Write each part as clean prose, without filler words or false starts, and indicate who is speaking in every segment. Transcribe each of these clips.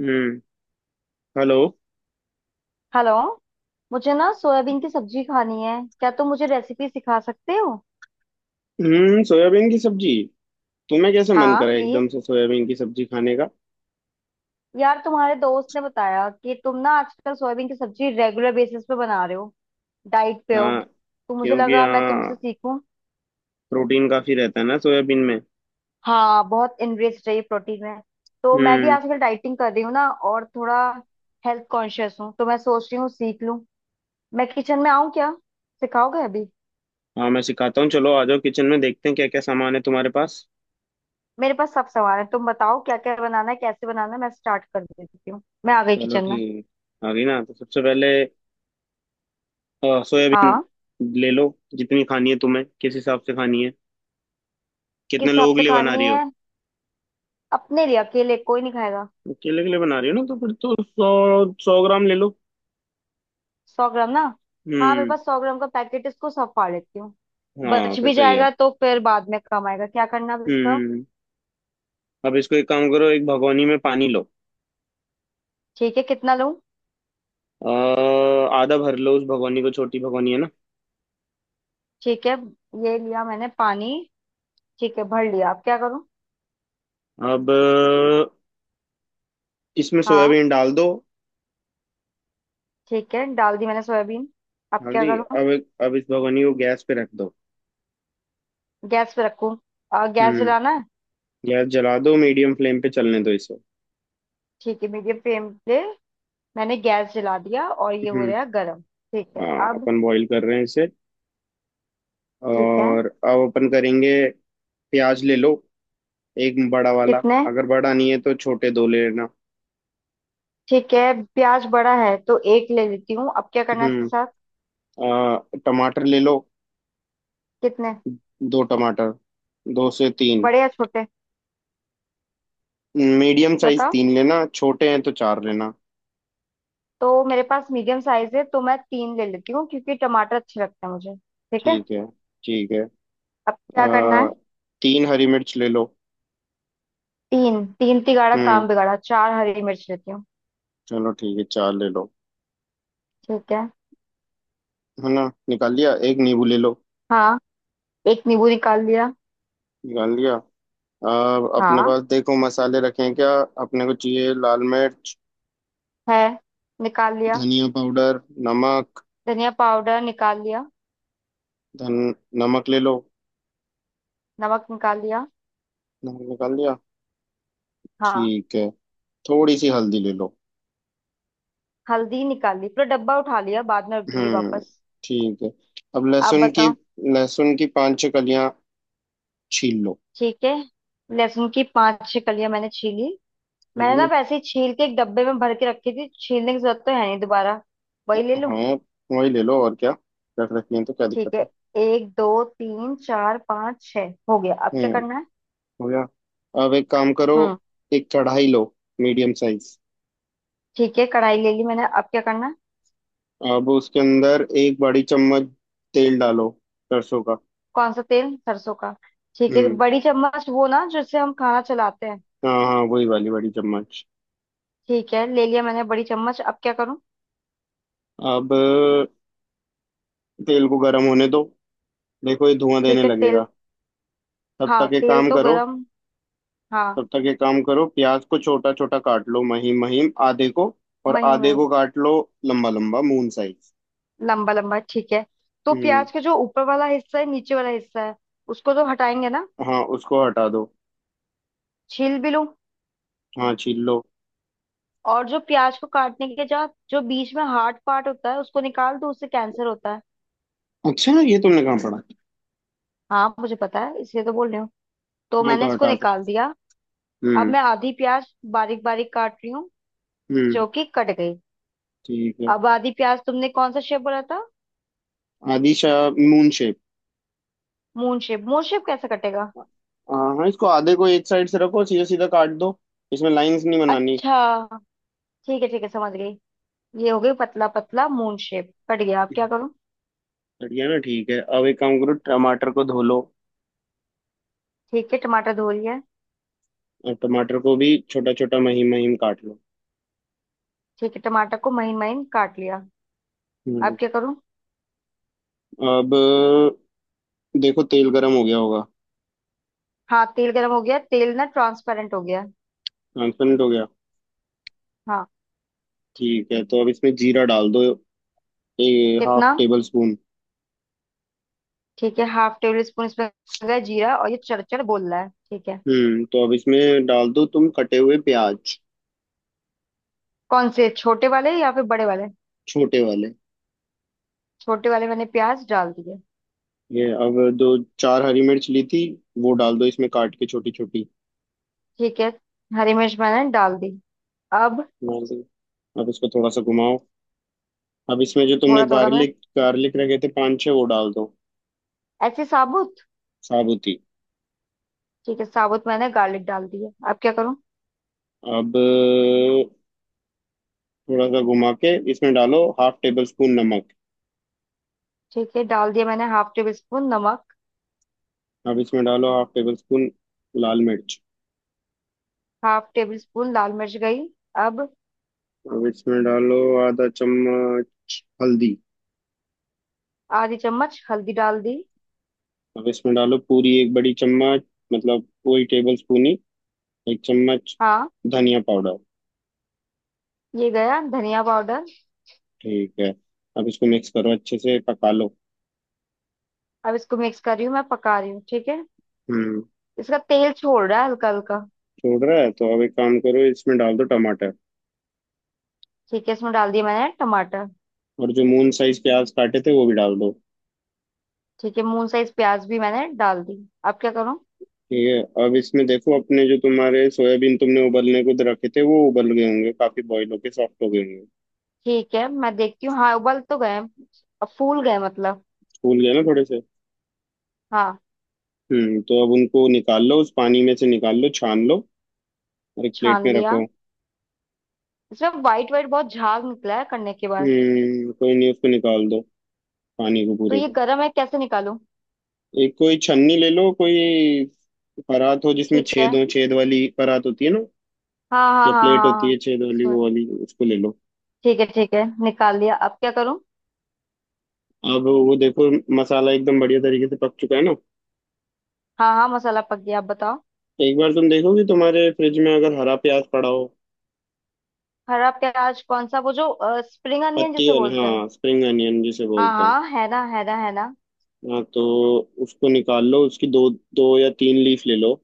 Speaker 1: हम्म। Hello.
Speaker 2: Hello. मुझे ना soybean की सब्जी खानी है। क्या तुम मुझे रेसिपी सिखा सकते हो?
Speaker 1: सोयाबीन की सब्जी। तुम्हें कैसे मन
Speaker 2: हाँ
Speaker 1: करा
Speaker 2: प्लीज।
Speaker 1: एकदम से सोयाबीन की सब्जी खाने का?
Speaker 2: यार तुम्हारे दोस्त ने बताया कि तुम ना आजकल सोयाबीन की सब्जी रेगुलर बेसिस पे बना रहे हो, डाइट पे हो,
Speaker 1: हाँ,
Speaker 2: तो मुझे
Speaker 1: क्योंकि
Speaker 2: लगा मैं
Speaker 1: हाँ,
Speaker 2: तुमसे सीखूं।
Speaker 1: प्रोटीन काफी रहता है ना सोयाबीन में।
Speaker 2: हाँ बहुत इनरिच रही प्रोटीन में। तो मैं भी
Speaker 1: हम्म
Speaker 2: आजकल डाइटिंग कर रही हूँ ना, और थोड़ा हेल्थ कॉन्शियस हूँ, तो मैं सोच रही हूँ सीख लूँ। मैं किचन में आऊँ क्या? सिखाओगे अभी?
Speaker 1: हाँ, मैं सिखाता हूँ, चलो आ जाओ किचन में, देखते हैं क्या क्या सामान है तुम्हारे पास।
Speaker 2: मेरे पास सब सामान है, तुम बताओ क्या क्या बनाना है, कैसे बनाना है, मैं स्टार्ट कर देती हूँ। मैं आ गई
Speaker 1: चलो
Speaker 2: किचन में।
Speaker 1: ठीक। आ गई ना, तो सबसे पहले सोयाबीन
Speaker 2: हाँ,
Speaker 1: ले लो। जितनी खानी है तुम्हें, किस हिसाब से खानी है?
Speaker 2: किस
Speaker 1: कितने
Speaker 2: हिसाब
Speaker 1: लोगों के
Speaker 2: से
Speaker 1: लिए बना
Speaker 2: खानी
Speaker 1: रही हो?
Speaker 2: है? अपने लिए, अकेले, कोई नहीं खाएगा।
Speaker 1: अकेले के लिए बना रही हो ना, तो फिर तो 100-100 ग्राम ले लो।
Speaker 2: सौ ग्राम ना? हाँ मेरे
Speaker 1: हम्म।
Speaker 2: पास 100 ग्राम का पैकेट है, इसको सब फाड़ लेती हूँ।
Speaker 1: हाँ
Speaker 2: बच
Speaker 1: फिर
Speaker 2: भी
Speaker 1: सही है।
Speaker 2: जाएगा तो फिर बाद में काम आएगा, क्या करना अब
Speaker 1: हम्म,
Speaker 2: इसका।
Speaker 1: अब इसको एक काम करो, एक भगोनी में पानी लो।
Speaker 2: ठीक है, कितना लूँ?
Speaker 1: अ, आधा भर लो उस भगोनी को, छोटी भगोनी है ना।
Speaker 2: ठीक है। ये लिया मैंने पानी। ठीक है भर लिया, अब क्या करूँ?
Speaker 1: अब इसमें
Speaker 2: हाँ
Speaker 1: सोयाबीन डाल दो।
Speaker 2: ठीक है, डाल दी मैंने सोयाबीन, अब क्या
Speaker 1: हल्दी
Speaker 2: करूँ?
Speaker 1: अब इस भगोनी को गैस पे रख दो।
Speaker 2: गैस पे रखूँ? गैस
Speaker 1: हम्म।
Speaker 2: जलाना है?
Speaker 1: गैस जला दो, मीडियम फ्लेम पे चलने दो इसे।
Speaker 2: ठीक है, मीडियम फ्लेम पे मैंने गैस जला दिया और ये हो
Speaker 1: हम्म
Speaker 2: रहा है गर्म। ठीक है
Speaker 1: हाँ,
Speaker 2: अब।
Speaker 1: अपन बॉईल कर रहे हैं इसे,
Speaker 2: ठीक है,
Speaker 1: और अब अपन करेंगे प्याज ले लो, एक बड़ा वाला।
Speaker 2: कितने?
Speaker 1: अगर बड़ा नहीं है तो छोटे दो ले लेना।
Speaker 2: ठीक है, प्याज बड़ा है तो एक ले लेती हूँ, अब क्या करना है इसके
Speaker 1: हम्म
Speaker 2: साथ?
Speaker 1: टमाटर ले लो।
Speaker 2: कितने?
Speaker 1: दो टमाटर, दो से तीन।
Speaker 2: बड़े या छोटे?
Speaker 1: मीडियम साइज
Speaker 2: बताओ।
Speaker 1: तीन लेना, छोटे हैं तो चार लेना।
Speaker 2: तो मेरे पास मीडियम साइज है तो मैं तीन ले लेती हूँ, क्योंकि टमाटर अच्छे लगते हैं मुझे। ठीक है,
Speaker 1: ठीक है, ठीक है।
Speaker 2: अब क्या करना है?
Speaker 1: अ, तीन हरी मिर्च ले लो।
Speaker 2: तीन तीन तिगाड़ा
Speaker 1: हम्म
Speaker 2: काम बिगाड़ा, चार हरी मिर्च लेती हूँ।
Speaker 1: चलो ठीक है, चार ले लो।
Speaker 2: ठीक है।
Speaker 1: है ना, निकाल लिया। एक नींबू ले लो।
Speaker 2: हाँ, एक नींबू निकाल लिया।
Speaker 1: निकाल लिया। अब अपने
Speaker 2: हाँ
Speaker 1: पास देखो मसाले रखे हैं क्या। अपने को चाहिए लाल मिर्च,
Speaker 2: है, निकाल लिया।
Speaker 1: धनिया पाउडर, नमक।
Speaker 2: धनिया पाउडर निकाल लिया।
Speaker 1: धन नमक ले लो।
Speaker 2: नमक निकाल लिया।
Speaker 1: नमक निकाल लिया।
Speaker 2: हाँ।
Speaker 1: ठीक है, थोड़ी सी हल्दी ले लो।
Speaker 2: हल्दी निकाल ली, पूरा डब्बा उठा लिया, बाद में रख दूंगी
Speaker 1: हम्म
Speaker 2: वापस।
Speaker 1: ठीक है। अब
Speaker 2: आप
Speaker 1: लहसुन की,
Speaker 2: बताओ।
Speaker 1: लहसुन की पांच छह कलियां छील
Speaker 2: ठीक है, लहसुन की पांच छह कलियां मैंने छीली। मैंने ना
Speaker 1: लो।
Speaker 2: वैसे ही छील के एक डब्बे में भर के रखी थी, छीलने की जरूरत तो है नहीं दोबारा, वही ले लूं?
Speaker 1: हाँ वही ले लो, और क्या, रख रखी है तो क्या
Speaker 2: ठीक
Speaker 1: दिक्कत
Speaker 2: है,
Speaker 1: है।
Speaker 2: एक दो तीन चार पाँच छह हो गया, अब क्या
Speaker 1: हम्म
Speaker 2: करना है?
Speaker 1: हो गया। अब एक काम करो,
Speaker 2: हम्म।
Speaker 1: एक कढ़ाई लो, मीडियम साइज।
Speaker 2: ठीक है, कढ़ाई ले ली मैंने, अब क्या करना है?
Speaker 1: अब उसके अंदर एक बड़ी चम्मच तेल डालो, सरसों का।
Speaker 2: कौन सा तेल, सरसों का? ठीक है,
Speaker 1: हम्म
Speaker 2: बड़ी चम्मच वो ना जिससे हम खाना चलाते हैं?
Speaker 1: हाँ हाँ वही वाली बड़ी चम्मच।
Speaker 2: ठीक है, ले लिया मैंने बड़ी चम्मच, अब क्या करूं?
Speaker 1: अब तेल को गर्म होने दो, देखो ये धुआं देने
Speaker 2: ठीक है तेल।
Speaker 1: लगेगा। तब
Speaker 2: हाँ
Speaker 1: तक एक
Speaker 2: तेल
Speaker 1: काम
Speaker 2: तो
Speaker 1: करो,
Speaker 2: गरम। हाँ।
Speaker 1: प्याज को छोटा छोटा काट लो, महीन महीन आधे को, और
Speaker 2: महीन
Speaker 1: आधे
Speaker 2: महीन?
Speaker 1: को काट लो लंबा लंबा, मून साइज।
Speaker 2: लंबा लंबा ठीक है। तो
Speaker 1: हम्म।
Speaker 2: प्याज का जो ऊपर वाला हिस्सा है, नीचे वाला हिस्सा है, उसको तो हटाएंगे ना?
Speaker 1: हाँ उसको हटा दो।
Speaker 2: छील भी लूं?
Speaker 1: हाँ छील लो।
Speaker 2: और जो प्याज को काटने के बाद जो बीच में हार्ड पार्ट होता है उसको निकाल दूं, उससे कैंसर होता है।
Speaker 1: अच्छा, ये तुमने कहाँ पढ़ा?
Speaker 2: हाँ मुझे पता है, इसलिए तो बोल रही हूँ, तो
Speaker 1: हाँ
Speaker 2: मैंने
Speaker 1: तो
Speaker 2: इसको
Speaker 1: हटा दो।
Speaker 2: निकाल दिया। अब
Speaker 1: हम्म,
Speaker 2: मैं आधी प्याज बारीक बारीक काट रही हूँ,
Speaker 1: हम्म,
Speaker 2: जो कि कट गई।
Speaker 1: ठीक है।
Speaker 2: अब आधी प्याज, तुमने कौन सा शेप बोला था?
Speaker 1: आदिशा, moon shape.
Speaker 2: Moon shape, moon shape कैसे कटेगा?
Speaker 1: हाँ हाँ इसको आधे को एक साइड से रखो, सीधा सीधा काट दो, इसमें लाइंस नहीं बनानी।
Speaker 2: अच्छा, ठीक है समझ गई। ये हो गई, पतला पतला मून शेप कट गया, अब क्या करूँ?
Speaker 1: बढ़िया ना, ठीक है। अब एक काम करो, टमाटर को धो लो,
Speaker 2: ठीक है, टमाटर धो लिया।
Speaker 1: और टमाटर को भी छोटा छोटा महीन महीन काट लो।
Speaker 2: ठीक है, टमाटर को महीन महीन काट लिया,
Speaker 1: हम्म,
Speaker 2: अब क्या करूं?
Speaker 1: अब देखो तेल गरम हो गया होगा।
Speaker 2: हाँ तेल गर्म हो गया, तेल ना ट्रांसपेरेंट हो गया।
Speaker 1: ट्रांसपेरेंट हो गया।
Speaker 2: हाँ।
Speaker 1: ठीक है, तो अब इसमें जीरा डाल दो,
Speaker 2: कितना?
Speaker 1: Half tablespoon.
Speaker 2: ठीक है, हाफ टेबल स्पून इसमें हो गया जीरा, और ये चरचर बोल रहा है, ठीक है।
Speaker 1: तो अब इसमें डाल दो तुम कटे हुए प्याज,
Speaker 2: कौन से, छोटे वाले या फिर बड़े वाले?
Speaker 1: छोटे वाले।
Speaker 2: छोटे वाले मैंने प्याज डाल दिए।
Speaker 1: ये अब दो, चार हरी मिर्च ली थी वो डाल दो इसमें काट के छोटी छोटी।
Speaker 2: ठीक है, हरी मिर्च मैंने डाल दी, अब?
Speaker 1: डाल दो। अब इसको थोड़ा सा घुमाओ। अब इसमें जो तुमने
Speaker 2: थोड़ा थोड़ा मैं,
Speaker 1: गार्लिक गार्लिक रखे थे पांच छह, वो डाल दो।
Speaker 2: ऐसे साबुत?
Speaker 1: साबुती।
Speaker 2: ठीक है, साबुत मैंने गार्लिक डाल दिए, अब क्या करूं?
Speaker 1: अब थोड़ा सा घुमा के इसमें डालो हाफ टेबल स्पून नमक।
Speaker 2: ठीक है, डाल दिया मैंने हाफ टेबल स्पून नमक।
Speaker 1: अब इसमें डालो हाफ टेबल स्पून लाल मिर्च।
Speaker 2: हाफ टेबल स्पून लाल मिर्च गई, अब?
Speaker 1: अब इसमें डालो आधा चम्मच हल्दी।
Speaker 2: आधी चम्मच हल्दी डाल दी।
Speaker 1: अब इसमें डालो पूरी एक बड़ी चम्मच, मतलब वही टेबल स्पून ही, एक चम्मच,
Speaker 2: हाँ।
Speaker 1: धनिया पाउडर।
Speaker 2: ये गया धनिया पाउडर।
Speaker 1: ठीक है, अब इसको मिक्स करो अच्छे से, पका लो।
Speaker 2: अब इसको मिक्स कर रही हूँ मैं, पका रही हूँ ठीक है।
Speaker 1: हम्म
Speaker 2: इसका तेल छोड़ रहा है हल्का हल्का।
Speaker 1: छोड़ रहा है तो अब एक काम करो, इसमें डाल दो टमाटर,
Speaker 2: ठीक है, इसमें डाल दिया मैंने टमाटर।
Speaker 1: और जो मून साइज प्याज काटे थे वो भी डाल दो।
Speaker 2: ठीक है, मून साइज प्याज भी मैंने डाल दी, अब क्या करूँ?
Speaker 1: ठीक है, अब इसमें देखो अपने, जो तुम्हारे सोयाबीन तुमने उबलने को रखे थे वो उबल गए होंगे, काफी बॉईल होके सॉफ्ट हो गए होंगे,
Speaker 2: ठीक है मैं देखती हूँ। हाँ उबल तो गए, अब फूल गए मतलब।
Speaker 1: फूल गए ना थोड़े से।
Speaker 2: हाँ।
Speaker 1: तो अब उनको निकाल लो, उस पानी में से निकाल लो, छान लो, और एक प्लेट
Speaker 2: छान
Speaker 1: में
Speaker 2: लिया।
Speaker 1: रखो।
Speaker 2: इसमें वाइट वाइट बहुत झाग निकला है करने के बाद।
Speaker 1: कोई नहीं, उसको निकाल दो, पानी को
Speaker 2: तो
Speaker 1: पूरे
Speaker 2: ये
Speaker 1: को।
Speaker 2: गर्म है, कैसे निकालूं?
Speaker 1: एक कोई छन्नी ले लो, कोई परात हो जिसमें
Speaker 2: ठीक
Speaker 1: छेद
Speaker 2: है,
Speaker 1: हो, छेद वाली परात होती है ना,
Speaker 2: हाँ हाँ
Speaker 1: या
Speaker 2: हाँ
Speaker 1: प्लेट
Speaker 2: हाँ
Speaker 1: होती है
Speaker 2: हाँ।
Speaker 1: छेद वाली,
Speaker 2: इसमें?
Speaker 1: वो वाली उसको ले लो।
Speaker 2: ठीक है ठीक है, निकाल लिया, अब क्या करूँ?
Speaker 1: अब वो देखो मसाला एकदम बढ़िया तरीके से पक चुका है ना।
Speaker 2: हाँ हाँ मसाला पक गया, अब बताओ।
Speaker 1: एक बार तुम देखो कि तुम्हारे फ्रिज में अगर हरा प्याज पड़ा हो।
Speaker 2: हरा प्याज, कौन सा, वो जो स्प्रिंग अनियन
Speaker 1: पत्ती
Speaker 2: जिसे
Speaker 1: वाला,
Speaker 2: बोलते हैं?
Speaker 1: हाँ, स्प्रिंग अनियन जिसे
Speaker 2: हाँ
Speaker 1: बोलते हैं।
Speaker 2: हाँ है ना, है ना, है ना।
Speaker 1: हाँ तो उसको निकाल लो, उसकी दो दो या तीन लीफ ले लो।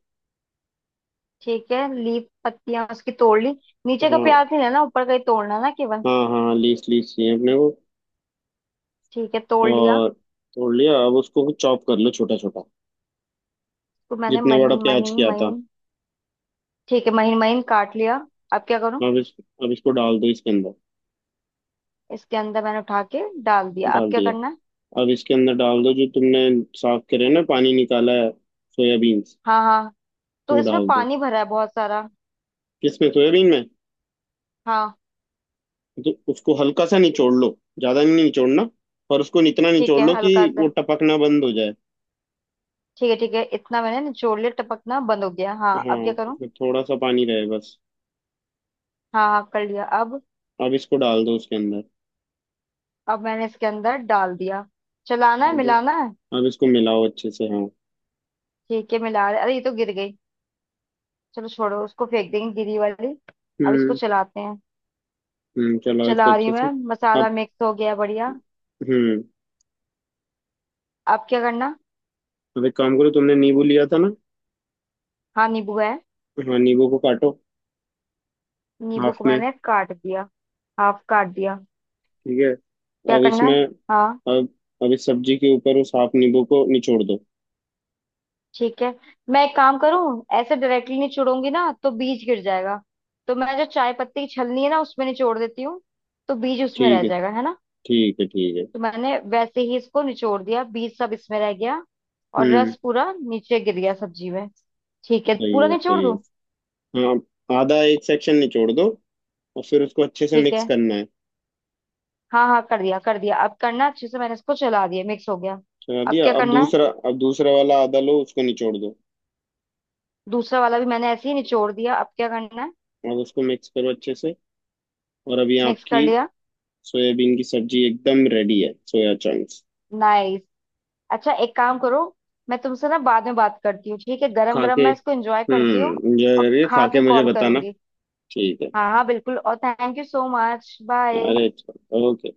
Speaker 2: ठीक है, लीफ पत्तियां उसकी तोड़ ली। नीचे का
Speaker 1: हाँ
Speaker 2: प्याज नहीं लेना, ऊपर का ही तोड़ना ना केवल?
Speaker 1: हाँ हाँ, लीफ लीफ चाहिए अपने को।
Speaker 2: ठीक है तोड़ लिया।
Speaker 1: और तोड़ लिया, अब उसको चॉप कर लो छोटा छोटा,
Speaker 2: तो मैंने
Speaker 1: जितना बड़ा
Speaker 2: महीन
Speaker 1: प्याज
Speaker 2: महीन
Speaker 1: किया था।
Speaker 2: महीन। ठीक है, महीन महीन काट लिया, अब क्या करूं?
Speaker 1: अब इस अब इसको डाल दो इसके अंदर।
Speaker 2: इसके अंदर मैंने उठा के डाल दिया, अब
Speaker 1: डाल
Speaker 2: क्या
Speaker 1: दिया।
Speaker 2: करना है?
Speaker 1: अब इसके अंदर डाल दो जो तुमने साफ करे ना, पानी निकाला है, सोयाबीन्स,
Speaker 2: हाँ हाँ। तो
Speaker 1: वो
Speaker 2: इसमें
Speaker 1: डाल दो।
Speaker 2: पानी भरा है बहुत सारा।
Speaker 1: किसमें? सोयाबीन में।
Speaker 2: हाँ।
Speaker 1: तो उसको हल्का सा निचोड़ लो, ज्यादा नहीं निचोड़ना, पर उसको इतना
Speaker 2: ठीक
Speaker 1: निचोड़
Speaker 2: है
Speaker 1: लो कि
Speaker 2: हल्का
Speaker 1: वो
Speaker 2: सा।
Speaker 1: टपकना बंद हो जाए।
Speaker 2: ठीक है ठीक है, इतना मैंने निचोड़ लिया, टपकना बंद हो गया। हाँ,
Speaker 1: हाँ,
Speaker 2: अब क्या करूं?
Speaker 1: उसमें थोड़ा सा पानी रहे बस।
Speaker 2: हाँ हाँ कर लिया, अब?
Speaker 1: अब इसको डाल दो उसके अंदर।
Speaker 2: अब मैंने इसके अंदर डाल दिया, चलाना है,
Speaker 1: डाल दो।
Speaker 2: मिलाना है?
Speaker 1: अब इसको मिलाओ अच्छे से। हाँ।
Speaker 2: ठीक है मिला रहे, अरे ये तो गिर गई, चलो छोड़ो उसको, फेंक देंगे गिरी वाली। अब इसको
Speaker 1: हम्म
Speaker 2: चलाते हैं।
Speaker 1: चलाओ इसको
Speaker 2: चला रही
Speaker 1: अच्छे
Speaker 2: हूँ
Speaker 1: से।
Speaker 2: मैं, मसाला
Speaker 1: अब
Speaker 2: मिक्स हो गया बढ़िया।
Speaker 1: हम्म
Speaker 2: अब क्या करना?
Speaker 1: अब एक काम करो, तुमने नींबू लिया था ना।
Speaker 2: हाँ नींबू है।
Speaker 1: हाँ, नींबू को काटो,
Speaker 2: नींबू
Speaker 1: हाफ
Speaker 2: को
Speaker 1: में।
Speaker 2: मैंने काट दिया। हाफ काट दिया।
Speaker 1: ठीक है।
Speaker 2: क्या
Speaker 1: अब
Speaker 2: करना है?
Speaker 1: इसमें
Speaker 2: हाँ।
Speaker 1: अब अब इस सब्जी के ऊपर उस हाफ नींबू को निचोड़ दो।
Speaker 2: ठीक है, मैं एक काम करूँ, ऐसे डायरेक्टली निचोड़ूंगी ना तो बीज गिर जाएगा, तो मैं जो चाय पत्ती की छलनी है ना उसमें निचोड़ देती हूँ, तो बीज उसमें
Speaker 1: ठीक
Speaker 2: रह
Speaker 1: है,
Speaker 2: जाएगा, है ना?
Speaker 1: ठीक है, ठीक है।
Speaker 2: तो मैंने वैसे ही इसको निचोड़ दिया, बीज सब इसमें रह गया और
Speaker 1: हम्म
Speaker 2: रस पूरा नीचे गिर गया सब्जी में। ठीक है, पूरा
Speaker 1: सही है,
Speaker 2: निचोड़
Speaker 1: सही
Speaker 2: दूं?
Speaker 1: है। हाँ, आधा एक सेक्शन निचोड़ दो, और फिर उसको अच्छे से
Speaker 2: ठीक
Speaker 1: मिक्स
Speaker 2: है।
Speaker 1: करना है।
Speaker 2: हाँ हाँ कर दिया कर दिया, अब करना अच्छे से, मैंने इसको चला दिया, मिक्स हो गया।
Speaker 1: चला
Speaker 2: अब
Speaker 1: दिया।
Speaker 2: क्या
Speaker 1: अब
Speaker 2: करना है?
Speaker 1: दूसरा, वाला आधा लो उसको निचोड़ दो।
Speaker 2: दूसरा वाला भी मैंने ऐसे ही निचोड़ दिया, अब क्या करना है?
Speaker 1: अब उसको मिक्स करो अच्छे से, और अभी
Speaker 2: मिक्स कर
Speaker 1: आपकी
Speaker 2: लिया।
Speaker 1: सोयाबीन की सब्जी एकदम रेडी है, सोया चंक्स।
Speaker 2: नाइस। अच्छा एक काम करो, मैं तुमसे ना बाद में बात करती हूँ, ठीक है, गरम
Speaker 1: खा
Speaker 2: गरम
Speaker 1: के,
Speaker 2: मैं इसको एंजॉय करती हूँ
Speaker 1: एंजॉय
Speaker 2: और
Speaker 1: करिए, खा
Speaker 2: खा
Speaker 1: के
Speaker 2: के
Speaker 1: मुझे
Speaker 2: कॉल
Speaker 1: बताना।
Speaker 2: करूंगी।
Speaker 1: ठीक है।
Speaker 2: हाँ हाँ बिल्कुल, और thank you so much, bye.
Speaker 1: अरे, ओके।